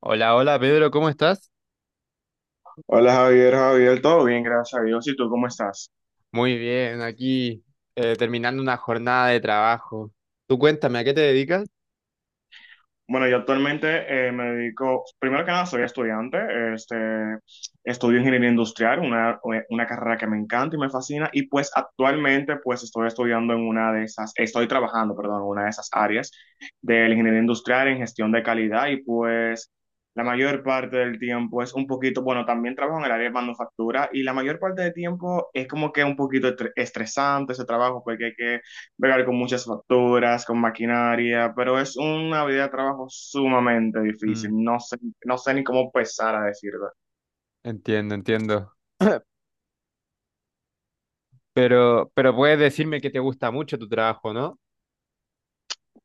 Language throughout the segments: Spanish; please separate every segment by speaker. Speaker 1: Hola, hola Pedro, ¿cómo estás?
Speaker 2: Hola Javier, Javier, todo bien, gracias a Dios. ¿Y tú cómo estás?
Speaker 1: Muy bien, aquí terminando una jornada de trabajo. Tú cuéntame, ¿a qué te dedicas?
Speaker 2: Bueno, yo actualmente me dedico, primero que nada, soy estudiante, este, estudio ingeniería industrial, una carrera que me encanta y me fascina, y pues actualmente pues estoy estudiando en una de esas, estoy trabajando, perdón, en una de esas áreas de la ingeniería industrial en gestión de calidad y pues la mayor parte del tiempo es un poquito, bueno, también trabajo en el área de manufactura y la mayor parte del tiempo es como que un poquito estresante ese trabajo porque hay que bregar con muchas facturas, con maquinaria, pero es una vida de trabajo sumamente difícil.
Speaker 1: Mm,
Speaker 2: No sé, no sé ni cómo empezar a decirlo.
Speaker 1: entiendo, entiendo. Pero puedes decirme que te gusta mucho tu trabajo, ¿no?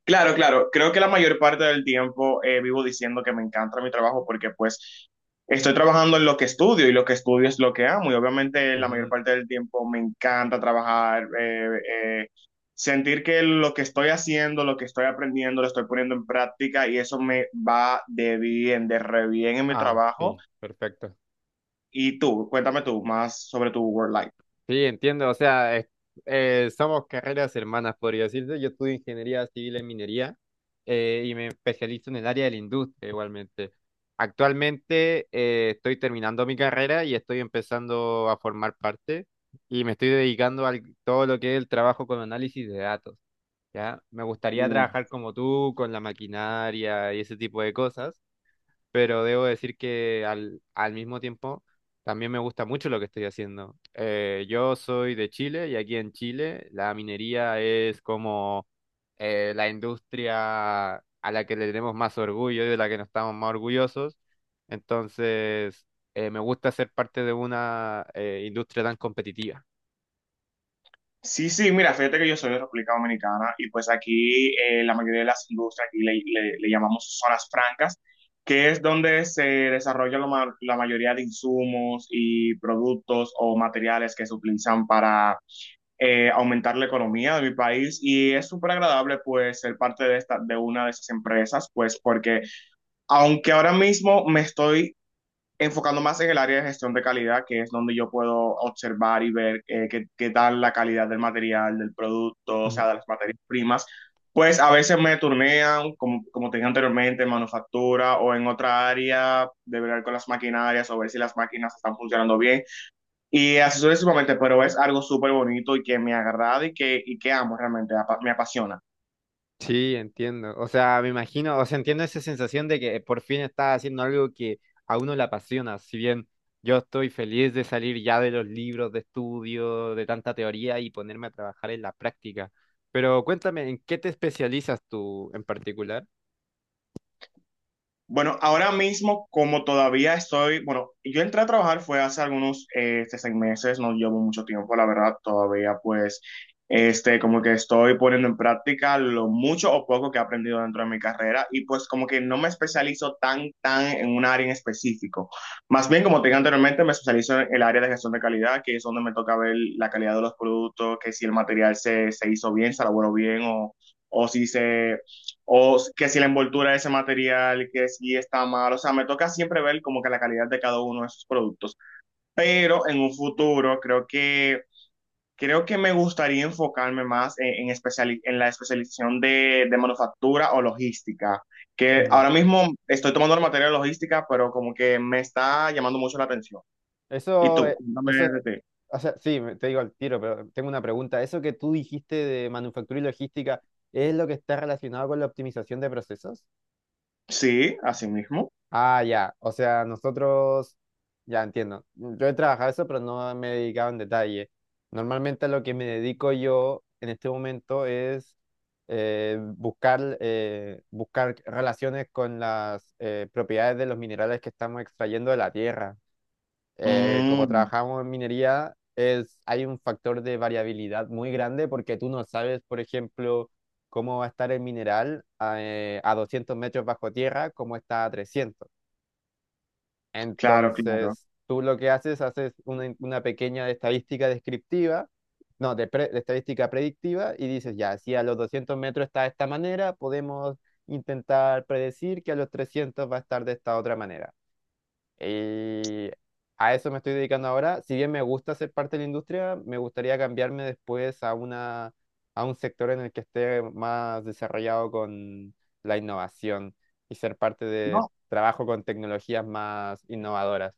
Speaker 2: Claro, claro, creo que la mayor parte del tiempo vivo diciendo que me encanta mi trabajo porque pues estoy trabajando en lo que estudio y lo que estudio es lo que amo y obviamente la mayor
Speaker 1: Ujú.
Speaker 2: parte del tiempo me encanta trabajar. Sentir que lo que estoy haciendo, lo que estoy aprendiendo, lo estoy poniendo en práctica y eso me va de bien, de re bien en mi
Speaker 1: Ah,
Speaker 2: trabajo.
Speaker 1: sí, perfecto.
Speaker 2: Y tú, cuéntame tú más sobre tu work life.
Speaker 1: Sí, entiendo, o sea, somos carreras hermanas, podría decirse. Yo estudio ingeniería civil en minería y me especializo en el área de la industria igualmente. Actualmente estoy terminando mi carrera y estoy empezando a formar parte y me estoy dedicando a todo lo que es el trabajo con análisis de datos, ¿ya? Me gustaría
Speaker 2: Mm.
Speaker 1: trabajar como tú, con la maquinaria y ese tipo de cosas, pero debo decir que al mismo tiempo también me gusta mucho lo que estoy haciendo. Yo soy de Chile y aquí en Chile la minería es como la industria a la que le tenemos más orgullo y de la que nos estamos más orgullosos. Entonces, me gusta ser parte de una industria tan competitiva.
Speaker 2: Sí, sí, mira, fíjate que yo soy de República Dominicana y pues aquí la mayoría de las industrias, aquí le llamamos zonas francas, que es donde se desarrolla la mayoría de insumos y productos o materiales que se utilizan para aumentar la economía de mi país y es súper agradable pues ser parte de una de esas empresas, pues porque aunque ahora mismo me estoy enfocando más en el área de gestión de calidad, que es donde yo puedo observar y ver qué, qué tal la calidad del material, del producto, o sea, de las materias primas, pues a veces me turnean, como, como te dije anteriormente, en manufactura o en otra área, de ver con las maquinarias o ver si las máquinas están funcionando bien. Y así sucesivamente, pero es algo súper bonito y que me agrada y que amo realmente, me apasiona.
Speaker 1: Sí, entiendo. O sea, me imagino, o sea, entiendo esa sensación de que por fin estás haciendo algo que a uno le apasiona. Si bien yo estoy feliz de salir ya de los libros de estudio, de tanta teoría y ponerme a trabajar en la práctica. Pero cuéntame, ¿en qué te especializas tú en particular?
Speaker 2: Bueno, ahora mismo, como todavía estoy, bueno, yo entré a trabajar fue hace algunos 6 meses, no llevo mucho tiempo, la verdad, todavía pues, como que estoy poniendo en práctica lo mucho o poco que he aprendido dentro de mi carrera y pues como que no me especializo tan, tan en un área en específico. Más bien, como te dije anteriormente, me especializo en el área de gestión de calidad, que es donde me toca ver la calidad de los productos, que si el material se, se hizo bien, se elaboró bien o si se, o que si la envoltura de ese material, que si está mal. O sea, me toca siempre ver como que la calidad de cada uno de esos productos. Pero en un futuro creo que me gustaría enfocarme más en la especialización de manufactura o logística. Que
Speaker 1: Mm.
Speaker 2: ahora mismo estoy tomando la materia de logística, pero como que me está llamando mucho la atención. ¿Y
Speaker 1: Eso,
Speaker 2: tú?
Speaker 1: eh,
Speaker 2: Cuéntame
Speaker 1: eso, es-
Speaker 2: de ti.
Speaker 1: o sea, sí, te digo al tiro, pero tengo una pregunta. Eso que tú dijiste de manufactura y logística, ¿es lo que está relacionado con la optimización de procesos?
Speaker 2: Sí, así mismo.
Speaker 1: Ah, ya. Ya entiendo. Yo he trabajado eso, pero no me he dedicado en detalle. Normalmente a lo que me dedico yo en este momento es buscar relaciones con las propiedades de los minerales que estamos extrayendo de la tierra. Como
Speaker 2: Mm,
Speaker 1: trabajamos en minería, hay un factor de variabilidad muy grande porque tú no sabes, por ejemplo, cómo va a estar el mineral a 200 metros bajo tierra, cómo está a 300.
Speaker 2: claro, claro.
Speaker 1: Entonces, tú lo que haces, haces una pequeña estadística descriptiva, no, de estadística predictiva, y dices, ya, si a los 200 metros está de esta manera, podemos intentar predecir que a los 300 va a estar de esta otra manera. Y a eso me estoy dedicando ahora. Si bien me gusta ser parte de la industria, me gustaría cambiarme después a a un sector en el que esté más desarrollado con la innovación y ser parte de
Speaker 2: No,
Speaker 1: trabajo con tecnologías más innovadoras.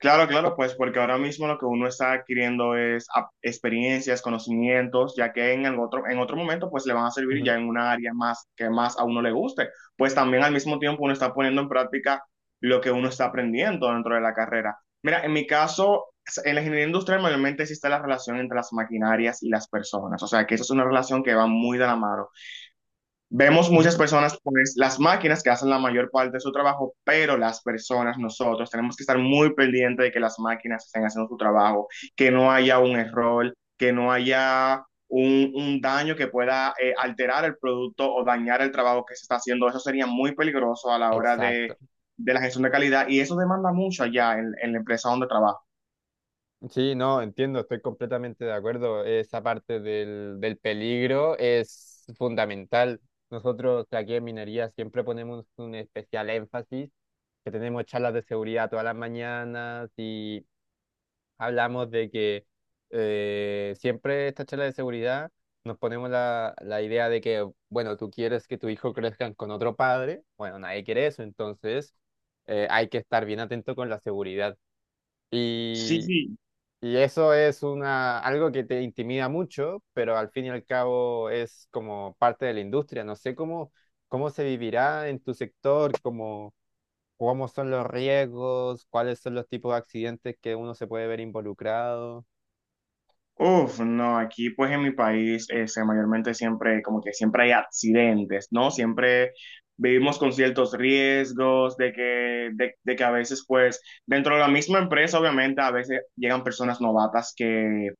Speaker 2: claro, claro, pues porque ahora mismo lo que uno está adquiriendo es experiencias, conocimientos, ya que en el otro, en otro momento pues le van a servir ya
Speaker 1: Ujú,
Speaker 2: en una área más que más a uno le guste. Pues también al mismo tiempo uno está poniendo en práctica lo que uno está aprendiendo dentro de la carrera. Mira, en mi caso, en la ingeniería industrial mayormente existe la relación entre las maquinarias y las personas, o sea que eso es una relación que va muy de la mano. Vemos muchas
Speaker 1: ujú.
Speaker 2: personas, pues las máquinas que hacen la mayor parte de su trabajo, pero las personas, nosotros, tenemos que estar muy pendientes de que las máquinas estén haciendo su trabajo, que no haya un error, que no haya un daño que pueda alterar el producto o dañar el trabajo que se está haciendo. Eso sería muy peligroso a la hora
Speaker 1: Exacto.
Speaker 2: de la gestión de calidad y eso demanda mucho allá en la empresa donde trabajo.
Speaker 1: Sí, no, entiendo, estoy completamente de acuerdo. Esa parte del peligro es fundamental. Nosotros aquí en minería siempre ponemos un especial énfasis, que tenemos charlas de seguridad todas las mañanas y hablamos de que siempre estas charlas de seguridad nos ponemos la idea de que, bueno, tú quieres que tu hijo crezca con otro padre, bueno, nadie quiere eso, entonces hay que estar bien atento con la seguridad.
Speaker 2: Sí, sí.
Speaker 1: Y eso es una, algo que te intimida mucho, pero al fin y al cabo es como parte de la industria. No sé cómo, cómo se vivirá en tu sector, cómo, cómo son los riesgos, cuáles son los tipos de accidentes que uno se puede ver involucrado.
Speaker 2: Uf, no, aquí pues en mi país mayormente siempre, como que siempre hay accidentes, ¿no? Siempre vivimos con ciertos riesgos de que a veces pues dentro de la misma empresa obviamente a veces llegan personas novatas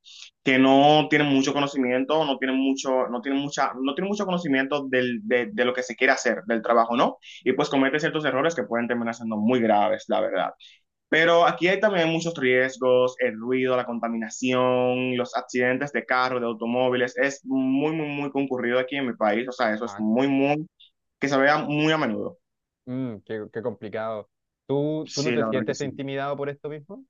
Speaker 2: que no tienen mucho conocimiento, no tienen mucho, no tienen mucha, no tienen mucho conocimiento del, de lo que se quiere hacer, del trabajo, ¿no? Y pues cometen ciertos errores que pueden terminar siendo muy graves, la verdad. Pero aquí hay también muchos riesgos, el ruido, la contaminación, los accidentes de carro, de automóviles. Es muy, muy, muy concurrido aquí en mi país. O sea, eso es
Speaker 1: Ah,
Speaker 2: muy, muy, que se vea muy a menudo.
Speaker 1: mm, qué, qué complicado. ¿Tú, tú no
Speaker 2: Sí,
Speaker 1: te
Speaker 2: la verdad que
Speaker 1: sientes
Speaker 2: sí.
Speaker 1: intimidado por esto mismo?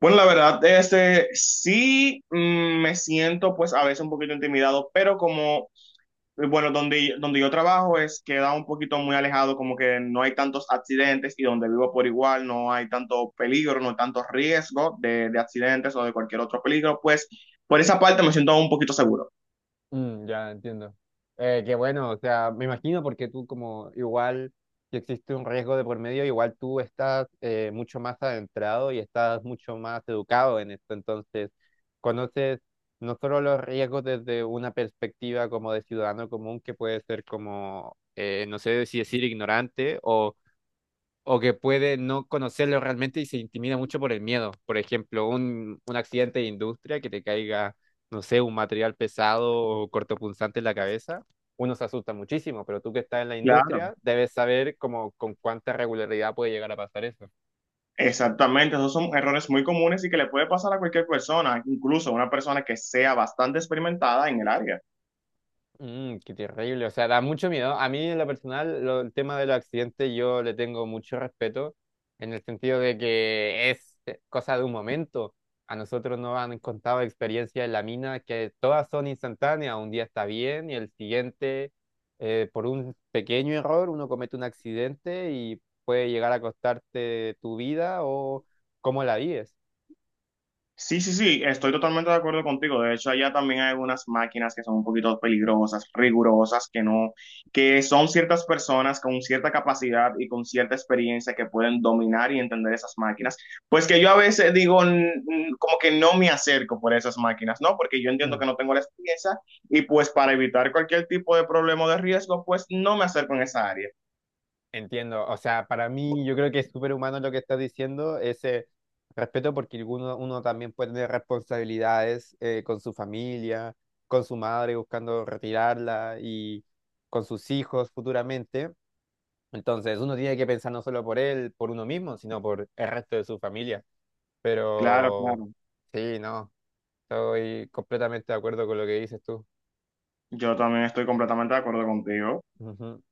Speaker 2: Bueno, la verdad, sí, me siento pues a veces un poquito intimidado, pero como bueno, donde yo trabajo es queda un poquito muy alejado, como que no hay tantos accidentes y donde vivo por igual no hay tanto peligro, no hay tanto riesgo de accidentes o de cualquier otro peligro, pues por esa parte me siento un poquito seguro.
Speaker 1: Mm, ya entiendo. Qué bueno, o sea, me imagino porque tú como igual, si existe un riesgo de por medio, igual tú estás mucho más adentrado y estás mucho más educado en esto, entonces conoces no solo los riesgos desde una perspectiva como de ciudadano común que puede ser como, no sé si decir ignorante o que puede no conocerlo realmente y se intimida mucho por el miedo. Por ejemplo, un accidente de industria que te caiga, no sé, un material pesado o cortopunzante en la cabeza, uno se asusta muchísimo, pero tú que estás en la
Speaker 2: Claro.
Speaker 1: industria debes saber como con cuánta regularidad puede llegar a pasar eso.
Speaker 2: Exactamente, esos son errores muy comunes y que le puede pasar a cualquier persona, incluso a una persona que sea bastante experimentada en el área.
Speaker 1: Mm, qué terrible, o sea, da mucho miedo. A mí en lo personal, el tema de los accidentes yo le tengo mucho respeto en el sentido de que es cosa de un momento. A nosotros nos han contado experiencias en la mina que todas son instantáneas, un día está bien y el siguiente, por un pequeño error, uno comete un accidente y puede llegar a costarte tu vida o cómo la vives.
Speaker 2: Sí, sí, sí, estoy totalmente de acuerdo contigo. De hecho, allá también hay algunas máquinas que son un poquito peligrosas, rigurosas, que no, que son ciertas personas con cierta capacidad y con cierta experiencia que pueden dominar y entender esas máquinas. Pues que yo a veces digo, como que no me acerco por esas máquinas, ¿no? Porque yo entiendo
Speaker 1: Mm.
Speaker 2: que no tengo la experiencia y pues para evitar cualquier tipo de problema o de riesgo, pues no me acerco en esa área.
Speaker 1: Entiendo, o sea, para mí yo creo que es súper humano lo que estás diciendo, ese respeto porque uno, uno también puede tener responsabilidades con su familia, con su madre buscando retirarla y con sus hijos futuramente. Entonces uno tiene que pensar no solo por él, por uno mismo, sino por el resto de su familia.
Speaker 2: Claro,
Speaker 1: Pero
Speaker 2: claro.
Speaker 1: sí, no, estoy completamente de acuerdo con lo que dices tú.
Speaker 2: Yo también estoy completamente de acuerdo contigo.
Speaker 1: Ujú.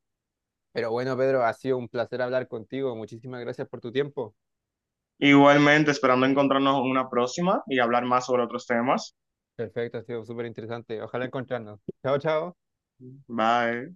Speaker 1: Pero bueno, Pedro, ha sido un placer hablar contigo. Muchísimas gracias por tu tiempo.
Speaker 2: Igualmente, esperando encontrarnos en una próxima y hablar más sobre otros temas.
Speaker 1: Perfecto, ha sido súper interesante. Ojalá encontrarnos. Chao, chao.
Speaker 2: Bye.